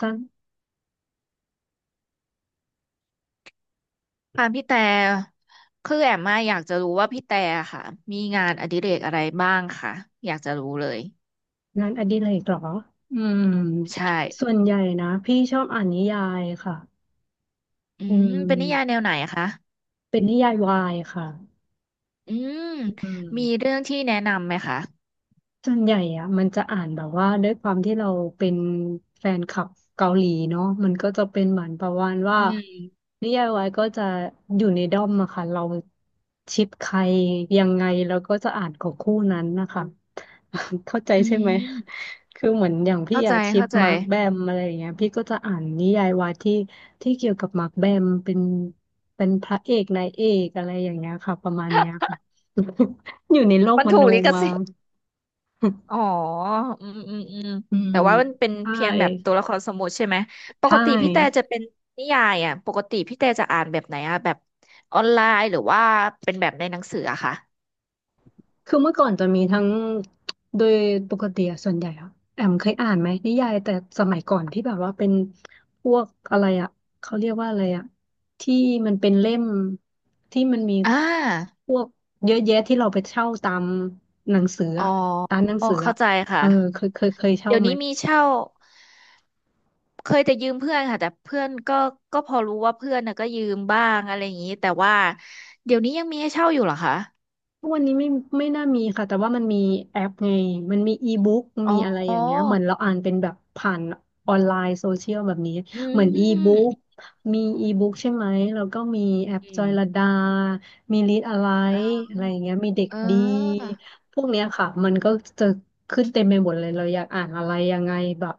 สร้างค่ะพี่แต่คือแอมมาอยากจะรู้ว่าพี่แต่ค่ะมีงานอดิเรกอะไรบ้างค่ะอยากจะรู้เลยงานอดิเรกเหรออืมใช่ส่วนใหญ่นะพี่ชอบอ่านนิยายค่ะอืเป็นนิยายแนมวไหนคะเป็นนิยายวายค่ะอืมอืมีม เรื่องที่แนะนำไหมคะส่วนใหญ่อะมันจะอ่านแบบว่าด้วยความที่เราเป็นแฟนคลับเกาหลีเนาะมันก็จะเป็นเหมือนประมาณว่าอืมนิยายวายก็จะอยู่ในด้อมอะค่ะเราชิปใครยังไงเราก็จะอ่านของคู่นั้นนะคะ เข้าใจอืใช่ไหมมคือเหมือนอย่างพี่เข้าใจอะชิปเข้าใจมาร์คแบมอะไรอย่างเงี้ยพี่ก็จะอ่านนิยายวายที่เกี่ยวกับมาร์คแบมเป็นเป็นพระเอกนายเอกอะไรอย่างเงี้ยค่ะประมาณเนี้ยค่ะ อยู่ในโลกมันมถูโนกลิขมา สิทธิ์อ๋ออืมอืมอืมอืมแต่ว่ามันเป็นใช่เพียงแบบตัวละครสมมุติใช่ไหมปใชกติพี่แต่่จะเป็นนิยายอ่ะปกติพี่แต่จะอ่านแบบไหนอ่ะแบบออนไลน์หรือว่าเป็นแบบในหนังสืออะคะคือเมื่อก่อนจะมีทั้งโดยปกติอะส่วนใหญ่อะแอมเคยอ่านไหมนิยายแต่สมัยก่อนที่แบบว่าเป็นพวกอะไรอะเขาเรียกว่าอะไรอะที่มันเป็นเล่มที่มันมีอ่า พวกเยอะแยะที่เราไปเช่าตามหนังสืออ๋ออะร้านหนังสือเข้าอะใจเอค่ะ อเคยเช่าเดี๋ยวไหม นี้มีเช่า เคยแต่ยืมเพื่อนค่ะแต่เพื่อนก็พอรู้ว่าเพื่อนน่ะก็ยืมบ้างอะไรอย่างนี้แต่ว่าเดี๋ยวนี้ยังมีให้เช่าอยู่เหรอคะ ทุกวันนี้ไม่น่ามีค่ะแต่ว่ามันมีแอปไงมันมีอีบุ๊กอ๋มีออะไรอย่างเงี้ยเหมือนเราอ่านเป็นแบบผ่านออนไลน์โซเชียลแบบนี้อืเหมือนอีบุ๊กมมีอีบุ๊กใช่ไหมแล้วก็มีแอปอืจอยลมดา มีรีดอะไรอ่าอะไรอย่างเงี้ยมีเด็กเอดี อพวกเนี้ยค่ะมันก็จะขึ้นเต็มไปหมดเลยเราอยากอ่านอะไรยังไงแบบ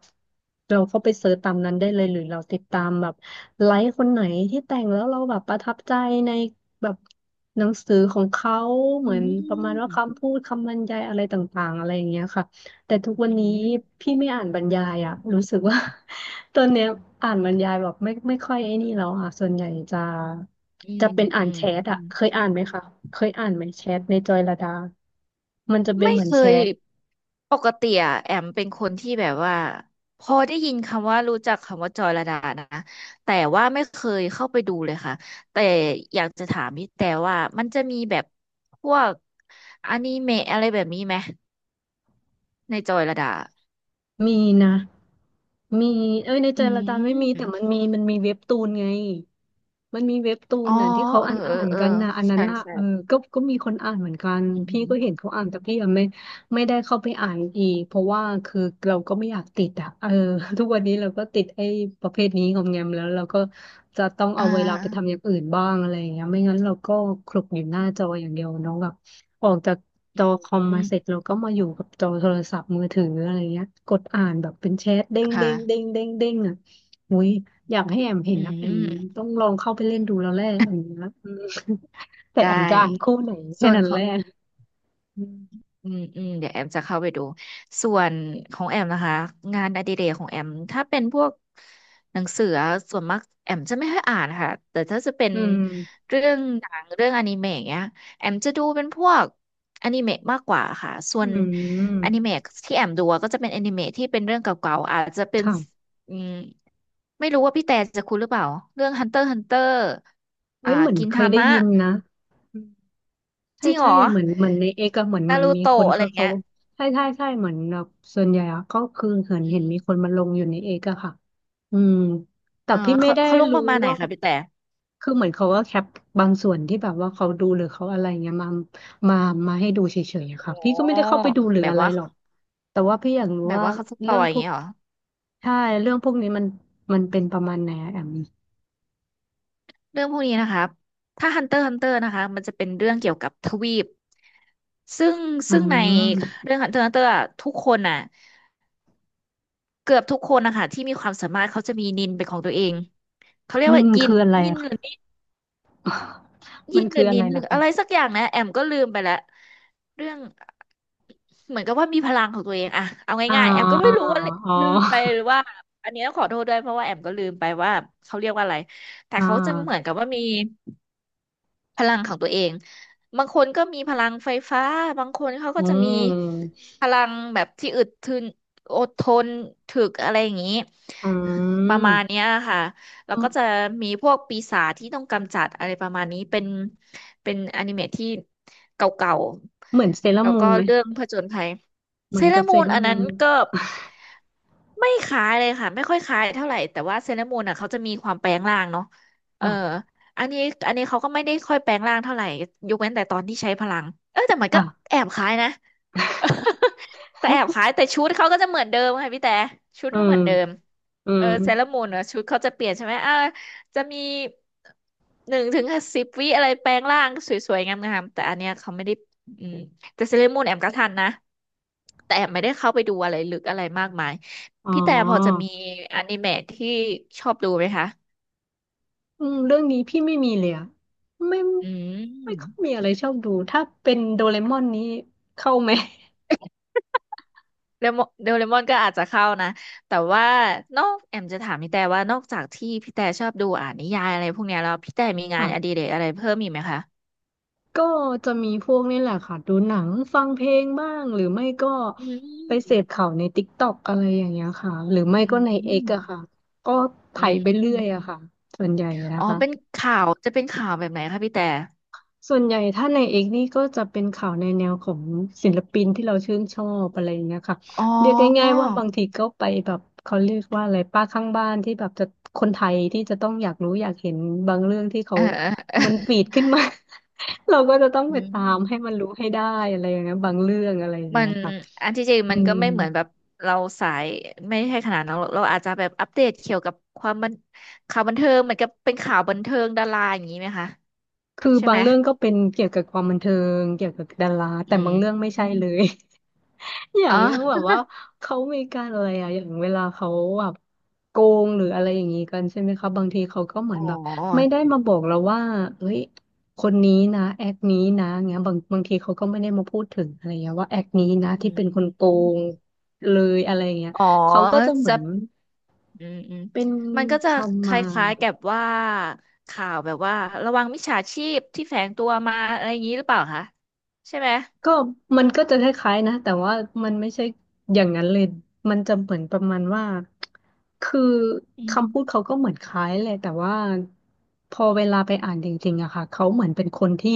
เราเข้าไปเสิร์ชตามนั้นได้เลยหรือเราติดตามแบบไลฟ์คนไหนที่แต่งแล้วเราแบบประทับใจในแบบหนังสือของเขาเหอืมือนประมาณว่ามคำพูดคำบรรยายอะไรต่างๆอะไรอย่างเงี้ยค่ะแต่ทุกวัอืนนี้มพี่ไม่อ่านบรรยายอะรู้สึกว่า ตอนเนี้ยอ่านบรรยายแบบไม่ค่อยไอ้นี่แล้วอ่ะส่วนใหญ่จะ อืมจะเป็นอ่าอืนแชมอืทอะม เคยอ่านไหมคะ เคยอ่านไหมแชทในจอยลดา มันจะเป็นไม่เหมือนเคแชยท ปกติอะแอมเป็นคนที่แบบว่าพอได้ยินคำว่ารู้จักคำว่าจอยระดานะแต่ว่าไม่เคยเข้าไปดูเลยค่ะแต่อยากจะถามพี่แต่ว่ามันจะมีแบบพวกอนิเมะอะไรแบบนี้ไหมในจอยระดามีนะมีเอ้ยในใจอืละดานไม่มีแต่มันมมีมันมีเว็บตูนไงมันมีเว็บตูอ๋นอน่ะที่เขาเออ่าอนเออ่าอนเออกันนะอันนั้ใช่นน่ะใช่เออก็มีคนอ่านเหมือนกันอืมอืพี่มก็เห็นเขาอ่านแต่พี่ยังไม่ได้เข้าไปอ่านอีกเพราะว่าคือเราก็ไม่อยากติดอ่ะเออ ทุกวันนี้เราก็ติดไอ้ประเภทนี้งอมแงมแล้วเราก็จะต้องอ่เอาเวลาไปทำอาย่างอื่นบ้างอะไรอย่างเงี้ยไม่งั้นเราก็คลุกอยู่หน้าจออย่างเดียวเน้อง ออกจากจอคอมอืมาเสร็จมเราก็มาอยู่กับจอโทรศัพท์มือถืออะไรเงี้ยกดอ่านแบบเป็นแชทเด้งเด้งเด้ค่ะงเด้งเด้งอ่ะอุ้ยอยากให้แอมเห็อืนนะแอมมต้องลองเข้าไปเล่นดูแล้วแหละอันเนี้ยอืม แต่ได้แอมจะอ่านคู่ไหนแค่ส่วนนั้นขแหอละง อืมอืมอืมเดี๋ยวแอมจะเข้าไปดูส่วนของแอมนะคะงานอดิเรกของแอมถ้าเป็นพวกหนังสือส่วนมากแอมจะไม่ค่อยอ่านค่ะแต่ถ้าจะเป็นอืมเรื่องหนังเรื่องอนิเมะเนี้ยแอมจะดูเป็นพวกอนิเมะมากกว่าค่ะส่วอืนมอนิเมะที่แอมดูอะก็จะเป็นอนิเมะที่เป็นเรื่องเก่าๆอาจจะเป็นค่ะอืมไม่รู้ว่าพี่แต่จะคุ้นหรือเปล่าเรื่อง Hunter x Hunter เอ้อ่ายเหมือนกินเคทายได้มะยินนะ ใช่จริงเหรใช่อเหมือนเหมือนในเอกอะเหมือนนาเหมันรูมีคโตะนอะไรเขาเงี้ยใช่ใช่ใช่เหมือนแบบส่วนใหญ่อะก็คือเห็นอืเห็นม มีคนมาลงอยู่ในเอกอะค่ะอืมแต่อ๋อพี่ไม่เขาได้เขาลงปรู้ระมาณไหนว่าคะพี่แต่คือเหมือนเขาก็แคปบางส่วนที่แบบว่าเขาดูหรือเขาอะไรเงี้ยมามามาให้ดูเฉยๆอะโอค่ะ้พี่ก็ไม่ได้เข้าไปดูหรือแบบอะไรว่าหรอกแต่ว่าพี่อยากรู้แบบว่าว่าเขาสปอเรื่องยอพย่างวกเงี้ยเหรอใช่เรื่องพวกนี้มันเป็นประมาณไหนอะแอมเรื่องพวกนี้นะครับถ้าฮันเตอร์ฮันเตอร์นะคะมันจะเป็นเรื่องเกี่ยวกับทวีปซึ่งอืซึ่งในมเรื่องฮันเตอร์ฮันเตอร์ทุกคนน่ะเกือบทุกคนนะคะที่มีความสามารถเขาจะมีนินเป็นของตัวเองเขาเรียกนิว่านยินคืออะไรยินอะหรือ คะยิมันนหคืรือออะนิไรนหรืล่ะอคะอะไรสักอย่างนะแอมก็ลืมไปแล้วเรื่องเหมือนกับว่ามีพลังของตัวเองอะเอาง่ายๆแอมก็อ่าอไม่รู้ว่า๋ลืมไปหรือ อว่าอันนี้ต้องขอโทษด้วยเพราะว่าแอมก็ลืมไปว่าเขาเรียกว่าอะไรแต่อ่าเขาจะเหมือนกับว่ามี พลังของตัวเองบางคนก็มีพลังไฟฟ้าบางคนเขาก็อืจะมีมพลังแบบที่อึดทึนอดทนถึกอะไรอย่างนี้อืประมาณเนี้มยค่ะแล้วก็จะมีพวกปีศาจที่ต้องกำจัดอะไรประมาณนี้เป็นอนิเมะที่เก่าเหมือนเซเลๆอราแล้วมูก็นไหมเรื่องผจญภัยเหมืเซอนเลอกับร์เซมูนเลออัรานมูนั้นนไหมก็ไม่คล้ายเลยค่ะไม่ค่อยคล้ายเท่าไหร่แต่ว่าเซเลอร์มูนอ่ะเขาจะมีความแปลงร่างเนาะเออ ค่ะอันนี้อันนี้เขาก็ไม่ได้ค่อยแปลงร่างเท่าไหร่ยกเว้นแต่ตอนที่ใช้พลังเออแต่มันก็ค่ะแอบคล้ายนะ แต่แอบคล้ายแต่ชุดเขาก็จะเหมือนเดิมค่ะพี่แต่ชุดอืก็เหมมือนเดิมอืเออมเซเลอรมูนเนอะชุดเขาจะเปลี่ยนใช่ไหมอ่าจะมีหนึ่งถึงสิบวิอะไรแปลงร่างสวยๆงามๆแต่อันเนี้ยเขาไม่ได้อืมแต่เซเลอรมูนแอมก็ทันนะแต่แอมไม่ได้เข้าไปดูอะไรลึกอะไรมากมายอ๋อพี่แต่พอจะมีอนิเมะที่ชอบดูไหมคะอืมเรื่องนี้พี่ไม่มีเลยอะไม่อืไม่ค่อยมีม อะไรชอบดู ถ้าเป็นโดเรมอนนี้เข้าไหมเลมอนเดลเลมอนก็อาจจะเข้านะแต่ว่านอกแอมจะถามพี่แต่ว่านอกจากที่พี่แต่ชอบดูอ่านนิยายอะไรพวกเนี้ยแล้วพี่แต่มีงานอดิค่ะเรกอะไรเพิ่มอีกไหมคะก็จะมีพวกนี่แหละค่ะ ดูหนัง ฟังเพลงบ้าง หรือไม่ก็อืไปเสพมข่าวในติ๊กต็อกอะไรอย่างเงี้ยค่ะหรือไม่อืก็ในเอ็กซ์อะมค่ะ ก็ไถอืไปเรื่อยอะมค่ะส่วนใหญ่นะอ๋อคะ เป็นข่าวจะเป็นข่าวแบบไหนคะพี่แต่ส่วนใหญ่ถ้าในเอกนี่ก็จะเป็นข่าวในแนวของศิลปินที่เราชื่นชอบอะไรอย่างเงี้ยค่ะอ๋อเรียกง่ายๆว่าบางทีก็ไปแบบเขาเรียกว่าอะไรป้าข้างบ้านที่แบบจะคนไทยที่จะต้องอยากรู้อยากเห็นบางเรื่องที่เขาเออ เออมันฟีดขึ้นมา เราก็จะต้องอืไปตามให้มันมรู้ให้ได้อะไรอย่างเงี้ยบางเรื่องอะไรอย่างมัเงี้ยนค่ะอันที่จริงอืมันมก็ไม่เหมือนแบบเราสายไม่ใช่ขนาดนั้นหรอกเราอาจจะแบบอัปเดตเกี่ยวกับความบันข่าวบันเทิงเหมือนกับเป็นข่าวบันเทิงดาราอย่างนี้ไหมคะคือใช่บาไหงม เรื่องก็เป็นเกี่ยวกับความบันเทิงเกี่ยวกับดาราอืแต่มบางเรื่องไม่อใช่มเลย อย่าอ๋งอเรื่องแบบว่าเขามีการอะไรอย่างเวลาเขาแบบโกงหรืออะไรอย่างนี้กันใช่ไหมคะบางทีเขาก็เหมืออ๋นแบบไม่อได้มาบอกเราว่าเฮ้ยคนนี้นะแอคนี้นะเงี้ยบางทีเขาก็ไม่ได้มาพูดถึงอะไรเงี้ยว่าแอคนี้นะอืที่เป็นคนมโกงเลยอะไรเงี้ยอ๋อเขาก็จะเหมืจะอนอืมอืมเป็นก็จะคคำมา ล้ายๆกับว่าข่าวแบบว่าระวังมิจฉาชีพที่แฝงตัวมาอะไรอย่างนี้หรือเปล่าคะใช่ไหมก็มันก็จะคล้ายๆนะแต่ว่ามันไม่ใช่อย่างนั้นเลยมันจะเหมือนประมาณว่าคืออืคำพูดมเขาก็เหมือนคล้ายแหละแต่ว่าพอเวลาไปอ่านจริงๆอะค่ะเขาเหมือนเป็นคนที่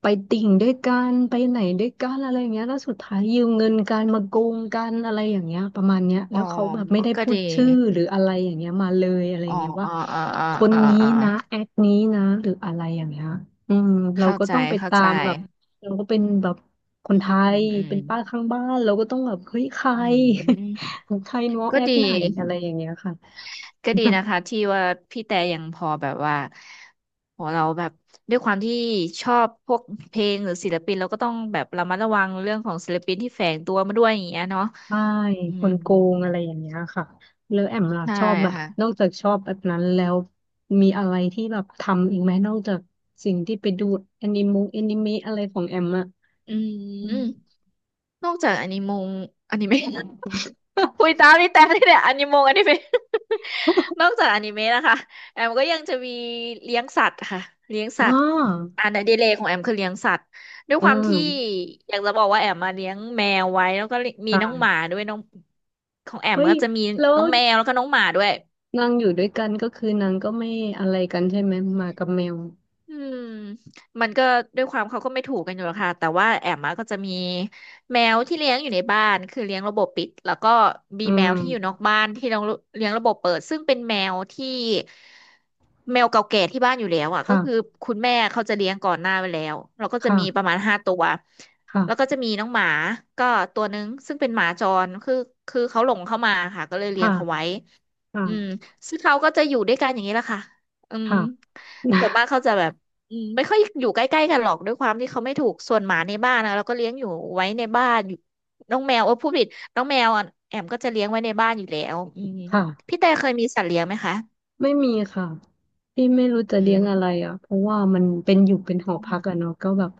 ไปติ่งด้วยกันไปไหนด้วยกันอะไรอย่างเงี้ยแล้วสุดท้ายยืมเงินกันมาโกงกันอะไรอย่างเงี้ยประมาณเนี้ยอ๋แล้อวเขาแบบไม่ได้ก็พูดีดชื่อหรืออะไรอย่างเงี้ยมาเลยอะไรออ๋อย่างเงี้ยว่าอ๋ออ๋ออ๋อคนอ๋อนี้อ๋อนะแอคนี้นะหรืออะไรอย่างเงี้ยอืมเราเข้าก็ใจต้องไปเข้าตาใจมแบบ เราก็เป็นแบบคนอืไทยมอืเป็มนป้าข้างบ้านเราก็ต้องแบบเฮ้ยใคร อืม ใครน้องก็แอคดี ไหนอะไรอย่างเงี้ยค่ะ ก็ดีนะ คะที่ว่าพี่แต่ยังพอแบบว่าโหเราแบบด้วยความที่ชอบพวกเพลงหรือศิลปินเราก็ต้องแบบระมัดระวังเรื่องของศิลปินที่แฝงตัวมาด้วยอย่างเงี้ยเนาะใช่อืคมนโกงอะไรอย่างเงี้ยค่ะแล้วแอมล่ะใช่ชอบแบบค่ะนอกจากชอบแบบนั้นแล้วมีอะไรที่แบบทำอีกไหมนอกจากสิ่งที่ไปดูแอนิมงแอนิเมะอะไรของแอมอะอือืม มนอกจากอนิมงอนิเมะ คุย ตามนี่แต่นี่เนี่ยอนิมงอนิเมะ นอกจากอนิเมะนะคะแอมก็ยังจะมีเลี้ยงสัตว์ค่ะเลี้ยงสัอ๋อตว์อันอดิเรกของแอมคือเลี้ยงสัตว์ด้วยอืความมที่อยากจะบอกว่าแอมมาเลี้ยงแมวไว้แล้วก็มีน้องหมาค่ะด้วยน้องของแอมเฮ้ยก็จะมีแล้วน้องแมวแล้วก็น้องหมาด้วย นางอยู่ด้วยกันก็คือนางก็ไม่อะไรกันใช่ไหมหมากับแมวอืมมันก็ด้วยความเขาก็ไม่ถูกกันอยู่หรอกค่ะแต่ว่าแอมมาก็จะมีแมวที่เลี้ยงอยู่ในบ้านคือเลี้ยงระบบปิดแล้วก็มีอืแมวที่อยู่นมอกบ้านที่เราเลี้ยงระบบเปิดซึ่งเป็นแมวที่แมวเก่าแก่ที่บ้านอยู่แล้วอ่ะก็คือค่ะ คุณแม่เขาจะเลี้ยงก่อนหน้าไว้แล้วเราก็จะมีประค่ะมาณห้าตัวแล้วก็ค่ะจะมีน้องหมาก็ตัวนึงซึ่งเป็นหมาจรคือเขาหลงเข้ามาค่ะก็เลยเลี้ยงเขาค่ะไว้อืมค่ะซึ่งเขาก็จะอยู่ด้วยกันอย่างนี้แหละค่ะ อืมค่ะ นะส่วนมากเขาจะแบบอืมไม่ค่อยอยู่ใกล้ๆกันหรอกด้วยความที่เขาไม่ถูกส่วนหมาในบ้านนะเราก็เลี้ยงอยู่ไว้ในบ้านอยู่น้องแมวเออพูดผิดน้องแมวอะแอมก็จะเลี้ยงไว้ในบ้านอยู่แล้วอืมพี่ค่ะแต่เคยมีสัตว์เลี้ยงไหมคะไม่มีค่ะ ที่ไม่รู้จะอืเลี้มยงอะไรอ่ะ เพราะว่ามันเป็นอยู่เป็นหออืพักอะมเนาะก็แบบ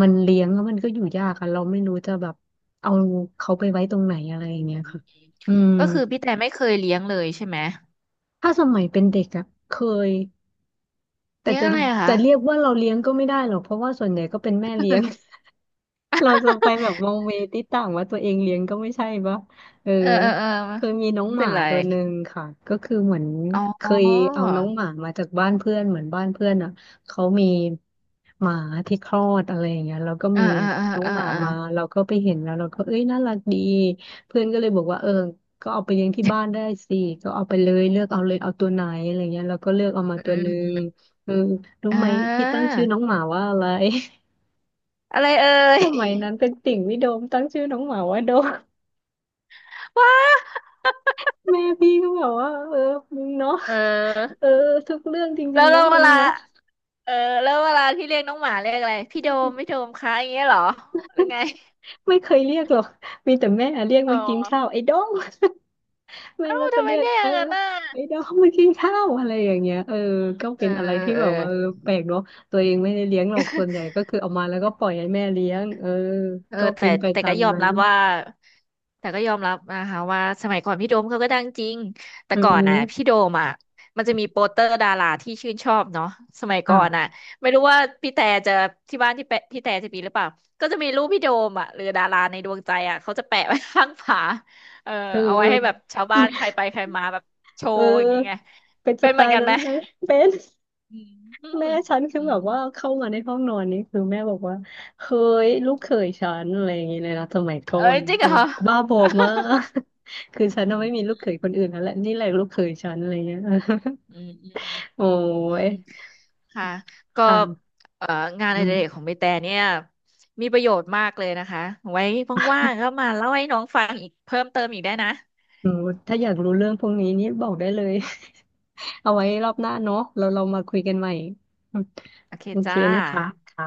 มันเลี้ยงแล้วมันก็อยู่ยากอะเราไม่รู้จะแบบเอาเขาไปไว้ตรงไหนอะไรอือย่างมเงี้ยอืมค่ะอืมก็คือพี่แต่ไม่เคยเลี้ยงเลยใช่ไหมถ้าสมัยเป็นเด็กอะเคยแต่เลี้ยงอะไรอะจะคะเรียกว่าเราเลี้ยงก็ไม่ได้หรอกเพราะว่าส่วนใหญ่ก็เป็นแม่เลี้ยง เราจะไปแบบมองเมติดต่างว่าตัวเองเลี้ยงก็ไม่ใช่ปะเออเออเออเออเคยมีน้องไม่หเป็มานไรตัวหนึ่งค่ะก็คือเหมือนอ๋เคยอเอาน้องหมามาจากบ้านเพื่อนเหมือนบ้านเพื่อนอ่ะเขามีหมาที่คลอดอะไรอย่างเงี้ยแล้วก็เอ่มีอ่าอ่าน้องอ่าหมาอ่มาเราก็ไปเห็นแล้วเราก็เอ้ยน่ารักดีเพื่อนก็เลยบอกว่าเออก็เอาไปเลี้ยงที่บ้านได้สิก็เอาไปเลยเลือกเอาเลยเอาตัวไหนอะไรเงี้ยเราก็เลือกเอามาอืตัวมหนึ่อืงมอมเออรู้อ่ไหมพี่ตั้งาชื่อน้องหมาว่าอะไร อะไรเอ่ย สมัยนั้นเป็นติ่งพี่โดมตั้งชื่อน้องหมาว่าโดม ว้า แม่พี่ก็แบบว่าเออมึงเนาะเอเอออ ทุกเรื่องจแล้ริงวๆน้แล้อวงเวมึงลา เนาะเออ แล้วเวลาที่เรียกน้องหมาเรียกอะไร พี่โดมพี่โดมคะอย่างเงี้ยเหรอ หรือไง ไม่เคยเรียกหรอกมีแต่แม่เรียกอ๋อ มากินข้าวไอ้โดมแม่เอ้า ก็จะทำไมเรียกเรียกอเออย่างนั้นน่ะไอ้โดมมากินข้าวอะไรอย่างเงี้ยเออก็เอเป็อ นอะไรเออที่เอแบอ บว่าเออแปลกเนาะตัวเองไม่ได้เลี้ยงหรอกส่วนใหญ่ก็คือเอามาแล้วก็ปล่อยให้แม่เลี้ยงเออเออก็เป็แต่นไปแต่ตาก็มยอมนั้นรับว่าแต่ก็ยอมรับนะคะว่าสมัยก่อนพี่โดมเขาก็ดังจริงแต่เืก่อนน่ะพี่มโดมอ่ะมันจะมีโปสเตอร์ดาราที่ชื่นชอบเนาะสมัยก่อนน่ะอ่ะไม่รู้ว่าพี่แต่จะที่บ้านที่แปะพี่แต่จะมีหรือเปล่าก็จะมีรูปพี่โดมอ่ะหรือดาราในดวงใจอ่ะเขาจะแปะไว้ข้างฝาเออเธเอาไว้อให้แบบชาวบ้านใครไปใครมาแบบโชเออว์อย่างเงี้ยไงเป็นสเป็นไตเหมือนล์กันนั้ไหมนเลยเป็น อืมอืมแม่ฉันคืออืแบมบว่าเข้ามาในห้องนอนนี่คือแม่บอกว่าเฮ้ยลูกเขยฉันอะไรอย่างเงี้ยเลยนะสมัยก่อเอ้ยนจริงเอเหรออบ้าบอมาก คือฉันอืน่ะมไม่มีลูกเขยคนอื่นแล้วแหละนี่แหละลูกเขยฉันอะไรเงี้ย อืมอืม โอ้อืยมค่ะ ก็ค่ะเอ่องานออืดิเรกขอมงใบแต่เนี่ย มีประโยชน์มากเลยนะคะ ไว้ว่างๆก็มาเล่าให้น้องฟังอีกเพิ่มเติมอีกได้นะ อืมถ้าอยากรู้เรื่องพวกนี้นี่บอกได้เลย เอาไว้รอบหน้าเนาะเรามาคุยกันใหม่โอเคโอเคจ้านะคะค่ะ